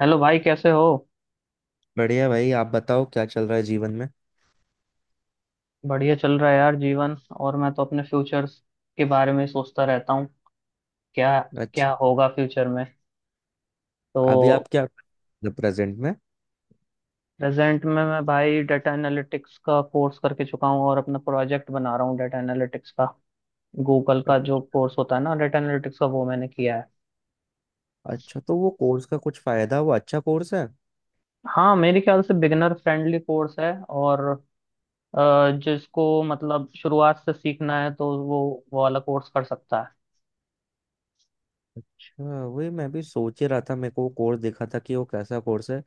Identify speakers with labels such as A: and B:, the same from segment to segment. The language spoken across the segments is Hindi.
A: हेलो भाई कैसे हो।
B: बढ़िया भाई, आप बताओ क्या चल रहा है जीवन में।
A: बढ़िया चल रहा है यार जीवन। और मैं तो अपने फ्यूचर के बारे में सोचता रहता हूँ क्या
B: अच्छा।
A: क्या होगा फ्यूचर में। तो
B: अभी आप क्या, प्रेजेंट में?
A: प्रेजेंट में मैं भाई डाटा एनालिटिक्स का कोर्स करके चुका हूँ और अपना प्रोजेक्ट बना रहा हूँ डाटा एनालिटिक्स का। गूगल का जो कोर्स होता है ना डाटा एनालिटिक्स का वो मैंने किया है।
B: अच्छा, तो वो कोर्स का कुछ फायदा, वो अच्छा कोर्स है?
A: हाँ मेरे ख्याल से बिगनर फ्रेंडली कोर्स है और जिसको मतलब शुरुआत से सीखना है तो वो वाला कोर्स कर सकता है।
B: अच्छा, वही मैं भी सोच ही रहा था, मेरे को वो कोर्स देखा था कि वो कैसा कोर्स है।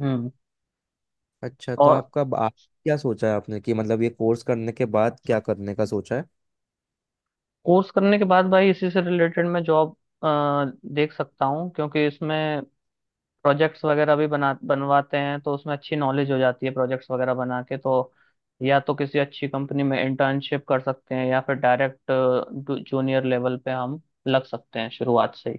A: हम्म।
B: अच्छा, तो
A: और
B: आपका आप क्या सोचा है आपने कि मतलब ये कोर्स करने के बाद क्या करने का सोचा है?
A: कोर्स करने के बाद भाई इसी से रिलेटेड मैं जॉब देख सकता हूँ क्योंकि इसमें प्रोजेक्ट्स वगैरह भी बना बनवाते हैं तो उसमें अच्छी नॉलेज हो जाती है प्रोजेक्ट्स वगैरह बना के। तो या तो किसी अच्छी कंपनी में इंटर्नशिप कर सकते हैं या फिर डायरेक्ट जूनियर लेवल पे हम लग सकते हैं शुरुआत से ही।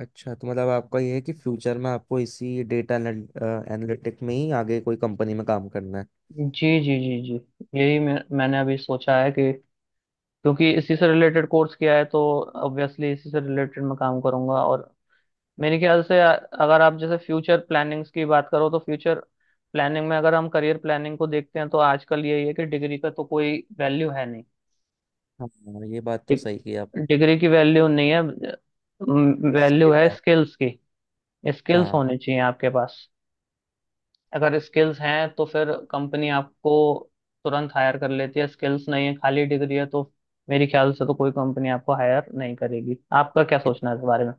B: अच्छा, तो मतलब आपका ये है कि फ्यूचर में आपको इसी डेटा एनालिटिक में ही आगे कोई कंपनी में काम करना है।
A: जी जी जी जी यही मैंने अभी सोचा है कि क्योंकि इसी से रिलेटेड कोर्स किया है तो ऑब्वियसली इसी से रिलेटेड मैं काम करूंगा। और मेरे ख्याल से अगर आप जैसे फ्यूचर प्लानिंग्स की बात करो तो फ्यूचर प्लानिंग में अगर हम करियर प्लानिंग को देखते हैं तो आजकल यही है कि डिग्री का तो कोई वैल्यू है नहीं।
B: हाँ, ये बात तो सही की आप।
A: डिग्री की वैल्यू नहीं है, वैल्यू
B: ठीक
A: है
B: है।
A: स्किल्स की। स्किल्स
B: हाँ,
A: होने चाहिए आपके पास। अगर स्किल्स हैं तो फिर कंपनी आपको तुरंत हायर कर लेती है, स्किल्स नहीं है खाली डिग्री है तो मेरे ख्याल से तो कोई कंपनी आपको हायर नहीं करेगी। आपका क्या सोचना है इस बारे में।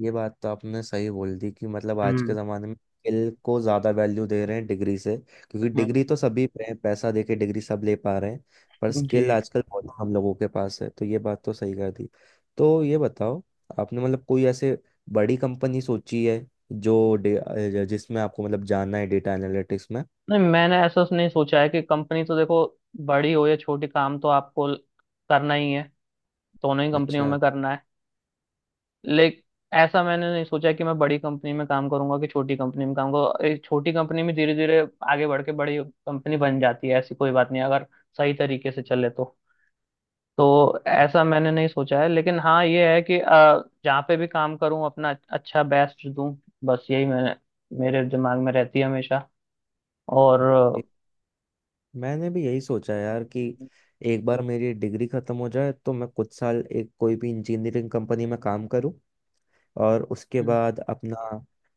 B: ये बात तो आपने सही बोल दी कि मतलब आज के
A: हम्म।
B: ज़माने में स्किल को ज़्यादा वैल्यू दे रहे हैं डिग्री से। क्योंकि
A: हम्म।
B: डिग्री तो सभी पे है, पैसा दे के डिग्री सब ले पा रहे हैं। पर
A: जी।
B: स्किल आजकल बहुत हम लोगों के पास है, तो ये बात तो सही कर दी। तो ये बताओ, आपने मतलब कोई ऐसे बड़ी कंपनी सोची है जो जिसमें आपको मतलब जाना है डेटा एनालिटिक्स में?
A: नहीं मैंने नहीं सोचा है कि कंपनी तो देखो बड़ी हो या छोटी काम तो आपको करना ही है, दोनों ही कंपनियों
B: अच्छा।
A: में करना है। लेकिन ऐसा मैंने नहीं सोचा कि मैं बड़ी कंपनी में काम करूंगा कि छोटी कंपनी में काम करूंगा। एक छोटी कंपनी में धीरे धीरे आगे बढ़ के बड़ी कंपनी बन जाती है, ऐसी कोई बात नहीं अगर सही तरीके से चले तो। तो ऐसा मैंने नहीं सोचा है लेकिन हाँ ये है कि जहाँ पे भी काम करूँ अपना अच्छा बेस्ट दूं। बस यही मैंने मेरे दिमाग में रहती है हमेशा। और
B: ये- मैंने भी यही सोचा यार कि एक बार मेरी डिग्री ख़त्म हो जाए तो मैं कुछ साल एक कोई भी इंजीनियरिंग कंपनी में काम करूं, और उसके
A: अ,
B: बाद अपना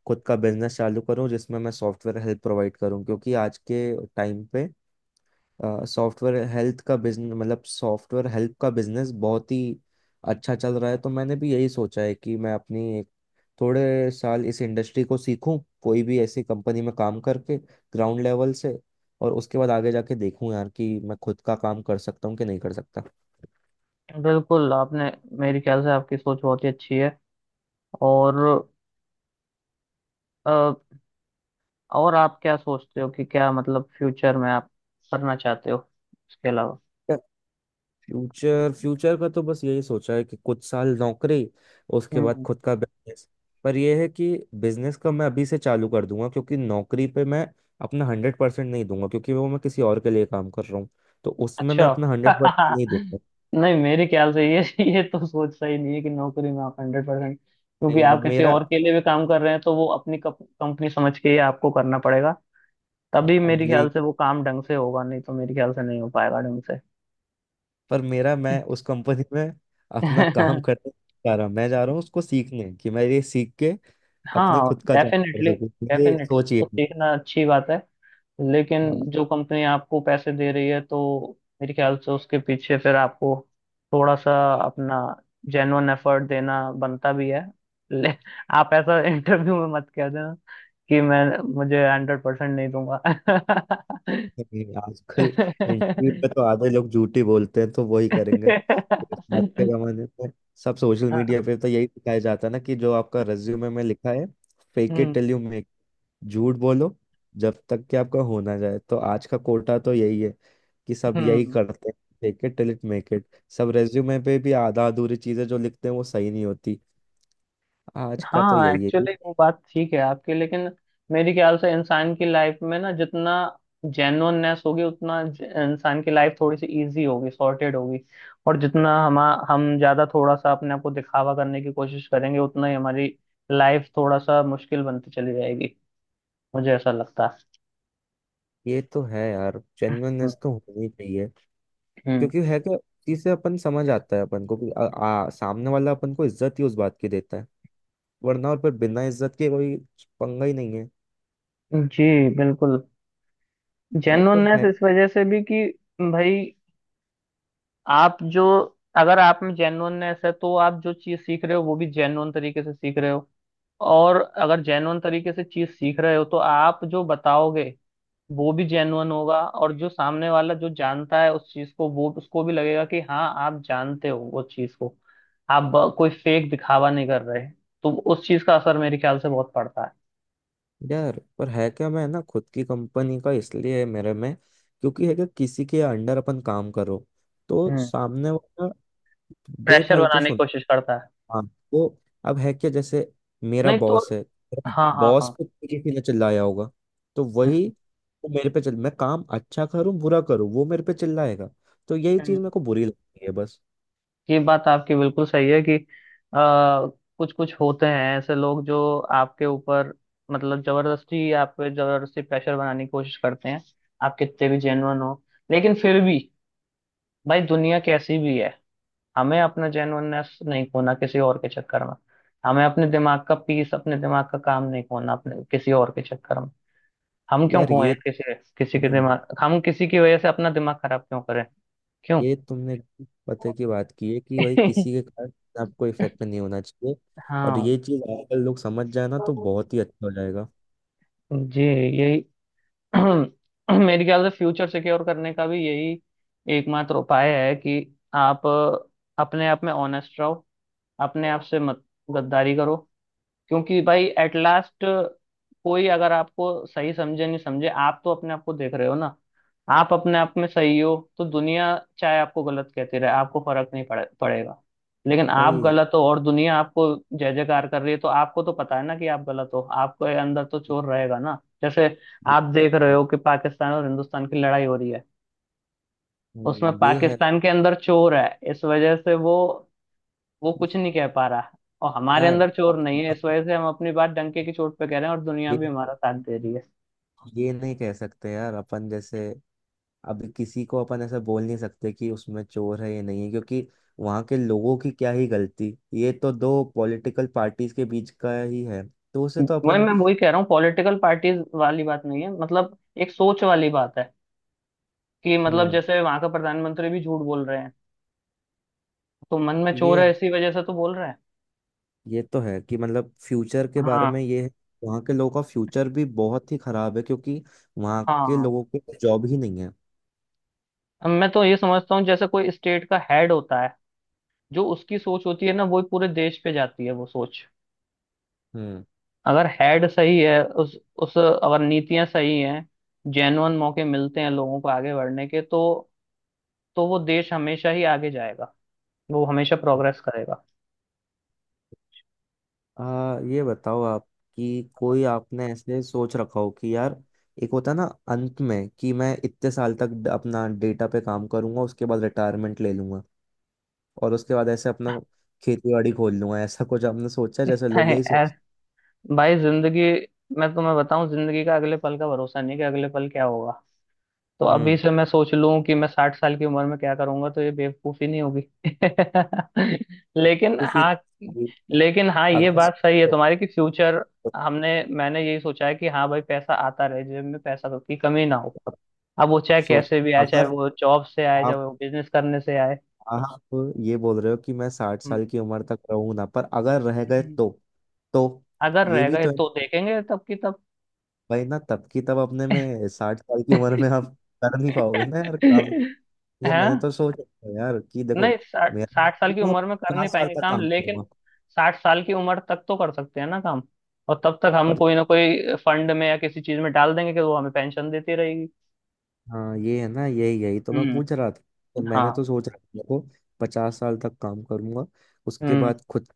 B: खुद का बिजनेस चालू करूँ जिसमें मैं सॉफ्टवेयर हेल्थ प्रोवाइड करूँ, क्योंकि आज के टाइम पे सॉफ्टवेयर हेल्थ का बिजनेस, मतलब सॉफ्टवेयर हेल्थ का बिजनेस बहुत ही अच्छा चल रहा है। तो मैंने भी यही सोचा है कि मैं अपनी एक, थोड़े साल इस इंडस्ट्री को सीखूं कोई भी ऐसी कंपनी में काम करके ग्राउंड लेवल से, और उसके बाद आगे जाके देखूं यार कि मैं खुद का काम कर सकता हूँ कि नहीं कर सकता।
A: बिल्कुल आपने, मेरे ख्याल से आपकी सोच बहुत ही अच्छी है। और अ, और आप क्या सोचते हो कि क्या मतलब फ्यूचर में आप करना चाहते हो इसके अलावा।
B: फ्यूचर फ्यूचर का तो बस यही सोचा है कि कुछ साल नौकरी, उसके बाद
A: हम्म।
B: खुद का बिजनेस। पर यह है कि बिजनेस का मैं अभी से चालू कर दूंगा, क्योंकि नौकरी पे मैं अपना 100% नहीं दूंगा, क्योंकि वो मैं किसी और के लिए काम कर रहा हूँ, तो उसमें मैं
A: अच्छा।
B: अपना 100% नहीं दूंगा।
A: नहीं मेरे ख्याल से ये ये तो सोच सही नहीं है कि नौकरी में आप हंड्रेड परसेंट, क्योंकि
B: नहीं,
A: आप
B: अब
A: किसी
B: मेरा,
A: और के लिए भी काम कर रहे हैं तो वो अपनी कंपनी समझ के ही आपको करना पड़ेगा। तभी
B: अब
A: मेरे ख्याल
B: यही,
A: से वो काम ढंग से होगा नहीं तो मेरे ख्याल से नहीं हो पाएगा ढंग से।
B: पर मेरा, मैं उस कंपनी में अपना काम करने नहीं जा रहा, मैं जा रहा हूँ उसको सीखने, कि मैं ये सीख के अपना
A: हाँ
B: खुद का जॉब कर
A: डेफिनेटली।
B: सकूँ, ये
A: डेफिनेटली
B: सोचिए।
A: तो सीखना अच्छी बात है लेकिन
B: हाँ।
A: जो कंपनी आपको पैसे दे रही है तो मेरे ख्याल से उसके पीछे फिर आपको थोड़ा सा अपना जेन्युइन एफर्ट देना बनता भी है। ले, आप ऐसा इंटरव्यू में मत कह देना कि मैं मुझे हंड्रेड परसेंट नहीं दूंगा।
B: नहीं, आजकल इंटरव्यू पे तो आधे लोग झूठी बोलते हैं, तो वही करेंगे तो इस बात के जमाने में सब। सोशल
A: हाँ।
B: मीडिया पे तो यही दिखाया जाता है ना कि जो आपका रिज्यूमे में लिखा है, fake it
A: hmm.
B: Till you make. झूठ बोलो जब तक कि आपका हो ना जाए, तो आज का कोटा तो यही है कि सब यही
A: हम्म।
B: करते हैं। Fake it till it make it. सब रेज्यूमे पे भी आधा अधूरी चीजें जो लिखते हैं वो सही नहीं होती। आज का तो
A: हाँ
B: यही है ये।
A: एक्चुअली वो बात ठीक है आपकी लेकिन मेरे ख्याल से इंसान की लाइफ में ना जितना जेन्युइननेस होगी उतना इंसान की लाइफ थोड़ी सी इजी होगी सॉर्टेड होगी। और जितना हम ज्यादा थोड़ा सा अपने आप को दिखावा करने की कोशिश करेंगे उतना ही हमारी लाइफ थोड़ा सा मुश्किल बनती चली जाएगी। मुझे ऐसा लगता है।
B: ये तो है यार,
A: हम्म।
B: जेन्युइननेस तो होनी चाहिए। क्योंकि है कि चीज से अपन समझ आता है अपन को कि आ, आ, सामने वाला अपन को इज्जत ही उस बात की देता है। वरना और पर बिना इज्जत के कोई पंगा ही नहीं है।
A: हम्म। जी, बिल्कुल।
B: यार पर
A: जेन्युइननेस
B: है
A: इस वजह से भी कि भाई आप जो अगर आप में जेन्युइननेस है तो आप जो चीज सीख रहे हो वो भी जेन्युइन तरीके से सीख रहे हो। और अगर जेन्युइन तरीके से चीज सीख रहे हो तो आप जो बताओगे वो भी जेन्युइन होगा, और जो सामने वाला जो जानता है उस चीज को वो उसको भी लगेगा कि हाँ आप जानते हो वो चीज को, आप कोई फेक दिखावा नहीं कर रहे। तो उस चीज का असर मेरे ख्याल से बहुत पड़ता है।
B: यार पर है क्या, मैं ना खुद की कंपनी का इसलिए है मेरे में। क्योंकि है कि किसी के अंडर अपन काम करो तो
A: हम्म।
B: सामने वाला
A: प्रेशर
B: बेफालतू
A: बनाने की
B: सुन।
A: कोशिश करता है।
B: हाँ। तो अब है क्या, जैसे मेरा
A: नहीं तो।
B: बॉस है।
A: हाँ हाँ
B: बॉस
A: हाँ।
B: पे किसी ने चिल्लाया होगा तो वही, वो मेरे पे चिल मैं काम अच्छा करूं बुरा करूं, वो मेरे पे चिल्लाएगा। तो यही चीज
A: हम्म।
B: मेरे को बुरी लगती है, बस।
A: ये बात आपकी बिल्कुल सही है कि आ, कुछ कुछ होते हैं ऐसे लोग जो आपके ऊपर मतलब जबरदस्ती आप पे जबरदस्ती प्रेशर बनाने की कोशिश करते हैं। आप कितने भी जेन्युइन हो लेकिन फिर भी भाई दुनिया कैसी भी है, हमें अपना जेन्युइननेस नहीं खोना किसी और के चक्कर में। हमें अपने दिमाग का पीस अपने दिमाग का काम नहीं खोना अपने किसी और के चक्कर में। हम क्यों
B: यार,
A: खोए किसी किसी के
B: तुमने-
A: दिमाग, हम किसी की वजह से अपना दिमाग खराब क्यों करें, क्यों?
B: ये तुमने पते की बात की है कि भाई किसी के कारण आपको इफेक्ट नहीं होना चाहिए। और
A: हाँ।
B: ये चीज आजकल लोग समझ जाए ना तो बहुत ही अच्छा हो जाएगा।
A: जी, यही मेरे ख्याल से फ्यूचर सिक्योर करने का भी यही एकमात्र उपाय है कि आप अपने आप में ऑनेस्ट रहो, अपने आप से मत गद्दारी करो। क्योंकि भाई एट लास्ट कोई अगर आपको सही समझे नहीं समझे, आप तो अपने आप को देख रहे हो ना। आप अपने आप में सही हो तो दुनिया चाहे आपको गलत कहती रहे आपको फर्क नहीं पड़ेगा। लेकिन आप
B: भाई
A: गलत हो और दुनिया आपको जय जयकार कर रही है तो आपको तो पता है ना कि आप गलत हो, आपके अंदर तो चोर रहेगा ना। जैसे
B: ये-
A: आप देख रहे हो कि पाकिस्तान और हिंदुस्तान की लड़ाई हो रही है, उसमें
B: ये है
A: पाकिस्तान के अंदर चोर है इस वजह से वो कुछ नहीं कह पा रहा। और हमारे
B: यार।
A: अंदर चोर नहीं है इस वजह से हम अपनी बात डंके की चोट पे कह रहे हैं और दुनिया
B: ये
A: भी हमारा साथ दे रही है।
B: ये नहीं कह सकते यार अपन, जैसे अभी किसी को अपन ऐसा बोल नहीं सकते कि उसमें चोर है या नहीं है, क्योंकि वहां के लोगों की क्या ही गलती। ये तो दो पॉलिटिकल पार्टीज के बीच का ही है, तो उसे तो अपन।
A: वही कह रहा हूँ, पॉलिटिकल पार्टीज वाली बात नहीं है, मतलब एक सोच वाली बात है। कि मतलब
B: हम्म।
A: जैसे वहां का प्रधानमंत्री भी झूठ बोल रहे हैं तो मन में चोर है
B: ये
A: इसी वजह से तो बोल रहे हैं।
B: ये तो है कि मतलब फ्यूचर के बारे
A: हाँ।
B: में ये है। वहाँ के लोगों का फ्यूचर भी बहुत ही खराब है, क्योंकि वहाँ के
A: हाँ।
B: लोगों के जॉब ही नहीं है।
A: अब मैं तो ये समझता हूँ जैसे कोई स्टेट का हेड होता है जो उसकी सोच होती है ना वो पूरे देश पे जाती है वो सोच।
B: हम्म।
A: अगर हेड सही है उस अगर नीतियां सही हैं, जेन्युइन मौके मिलते हैं लोगों को आगे बढ़ने के तो वो देश हमेशा ही आगे जाएगा, वो हमेशा प्रोग्रेस करेगा।
B: ये बताओ आप कि कोई आपने ऐसे सोच रखा हो कि यार एक होता है ना अंत में, कि मैं इतने साल तक अपना डेटा पे काम करूंगा, उसके बाद रिटायरमेंट ले लूंगा, और उसके बाद ऐसे अपना खेती बाड़ी खोल लूंगा, ऐसा कुछ आपने सोचा है? जैसे लोग
A: है,
B: यही
A: ऐ-
B: सोच।
A: भाई जिंदगी, मैं तुम्हें बताऊं जिंदगी का अगले पल का भरोसा नहीं कि अगले पल क्या होगा। तो अभी
B: हम्म।
A: से मैं सोच लूं कि मैं साठ साल की उम्र में क्या करूंगा तो ये बेवकूफी नहीं होगी। लेकिन
B: वो फिर
A: हाँ,
B: ये,
A: लेकिन हाँ ये
B: अगर
A: बात सही है
B: सोचो,
A: तुम्हारी कि फ्यूचर, हमने मैंने यही सोचा है कि हाँ भाई पैसा आता रहे जेब में, पैसा तो की कमी ना हो।
B: अब
A: अब वो
B: अब
A: चाहे
B: सोच,
A: कैसे भी आए, चाहे
B: अगर
A: वो जॉब से आए चाहे
B: आप
A: वो बिजनेस करने से आए।
B: आप ये बोल रहे हो कि मैं साठ
A: हम्म।
B: साल की उम्र तक रहूंगा, पर अगर रह गए
A: हम्म।
B: तो। तो
A: अगर
B: ये
A: रह
B: भी
A: गए
B: तो
A: तो
B: है।
A: देखेंगे तब की तब।
B: भाई ना तब की तब, अपने में 60 साल की उम्र में आप कर नहीं पाओगे ना यार काम। ये मैंने
A: हाँ।
B: तो सोच रखा है यार कि
A: नहीं
B: देखो,
A: साठ
B: मेरा
A: साठ साल की
B: मैं
A: उम्र में कर नहीं
B: 50 साल
A: पाएंगे
B: तक
A: काम,
B: काम
A: लेकिन
B: करूंगा।
A: साठ साल की उम्र तक तो कर सकते हैं ना काम। और तब तक हम
B: पर
A: कोई ना कोई फंड में या किसी चीज में डाल देंगे कि वो हमें पेंशन देती रहेगी।
B: हाँ, ये है ना, यही यही तो मैं
A: हम्म।
B: पूछ रहा था। तो मैंने
A: हाँ।
B: तो सोच रहा था देखो, 50 साल तक काम करूंगा, उसके
A: हम्म।
B: बाद खुद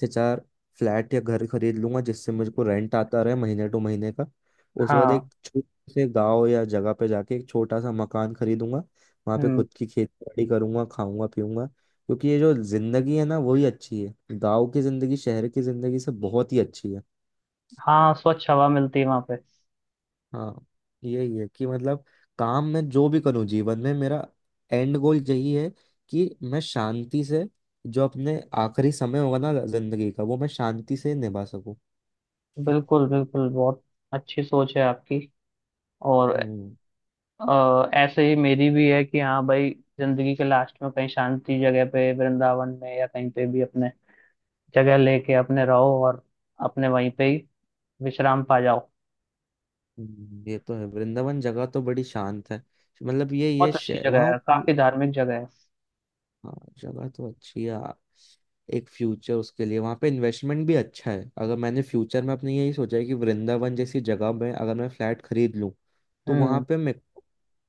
B: से चार फ्लैट या घर खरीद लूंगा जिससे मुझे को रेंट आता रहे महीने टू महीने का। उसके बाद
A: हाँ।
B: एक छोटे से गांव या जगह पे जाके एक छोटा सा मकान खरीदूंगा, वहां पे
A: हम्म।
B: खुद की खेती बाड़ी करूंगा, खाऊंगा पीऊंगा, क्योंकि ये जो जिंदगी है ना, वही अच्छी है। गाँव की जिंदगी शहर की जिंदगी से बहुत ही अच्छी है।
A: हाँ, स्वच्छ हवा मिलती है वहां पे।
B: हाँ। यही है कि मतलब काम में जो भी करूँ जीवन में, मेरा एंड गोल यही है कि मैं शांति से, जो अपने आखिरी समय होगा ना जिंदगी का, वो मैं शांति से निभा सकूं।
A: बिल्कुल बिल्कुल, बहुत अच्छी सोच है आपकी। और
B: हम्म।
A: ऐसे ही मेरी भी है कि हाँ भाई जिंदगी के लास्ट में कहीं शांति जगह पे वृंदावन में या कहीं पे भी अपने जगह लेके अपने रहो और अपने वहीं पे ही विश्राम पा जाओ।
B: ये तो है, वृंदावन जगह तो बड़ी शांत है। मतलब ये
A: बहुत अच्छी जगह
B: वहां,
A: है, काफी धार्मिक जगह है।
B: हाँ। जगह तो अच्छी है। एक फ्यूचर, उसके लिए वहां पे इन्वेस्टमेंट भी अच्छा है, अगर मैंने फ्यूचर में अपने यही सोचा है कि वृंदावन जैसी जगह में अगर मैं फ्लैट खरीद लूँ, तो वहां
A: हम्म,
B: पे मैं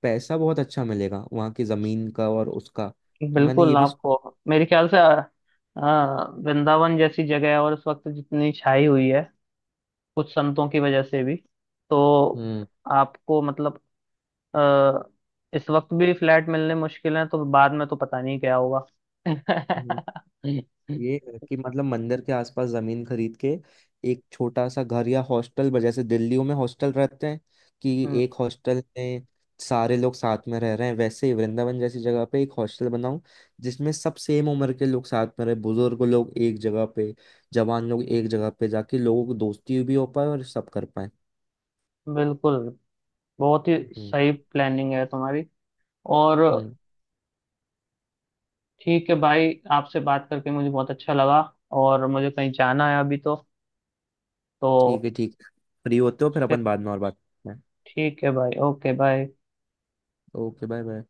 B: पैसा बहुत अच्छा मिलेगा वहां की जमीन का और उसका। तो मैंने ये
A: बिल्कुल।
B: भी सोच-।
A: आपको मेरे ख्याल से अ, वृंदावन जैसी जगह है और इस वक्त जितनी छाई हुई है कुछ संतों की वजह से भी, तो आपको मतलब अ, इस वक्त भी फ्लैट मिलने मुश्किल है तो बाद में तो पता नहीं क्या होगा।
B: हम्म। ये कि मतलब मंदिर के आसपास जमीन खरीद के एक छोटा सा घर या हॉस्टल जैसे दिल्लियों में हॉस्टल रहते हैं, कि
A: हम्म,
B: एक हॉस्टल में सारे लोग साथ में रह रहे हैं, वैसे ही वृंदावन जैसी जगह पे एक हॉस्टल बनाऊं, जिसमें सब सेम उम्र के लोग साथ में रहे, बुजुर्ग लोग एक जगह पे, जवान लोग एक जगह पे, जाके लोगों की दोस्ती भी हो पाए और सब कर पाए।
A: बिल्कुल। बहुत ही
B: हम्म।
A: सही प्लानिंग है तुम्हारी। और
B: हम्म,
A: ठीक है भाई आपसे बात करके मुझे बहुत अच्छा लगा। और मुझे कहीं जाना है अभी
B: ठीक
A: तो
B: है ठीक है। फ्री होते हो फिर
A: फिर
B: अपन बाद में और बात करते हैं।
A: ठीक है भाई, okay bye.
B: Okay bye bye.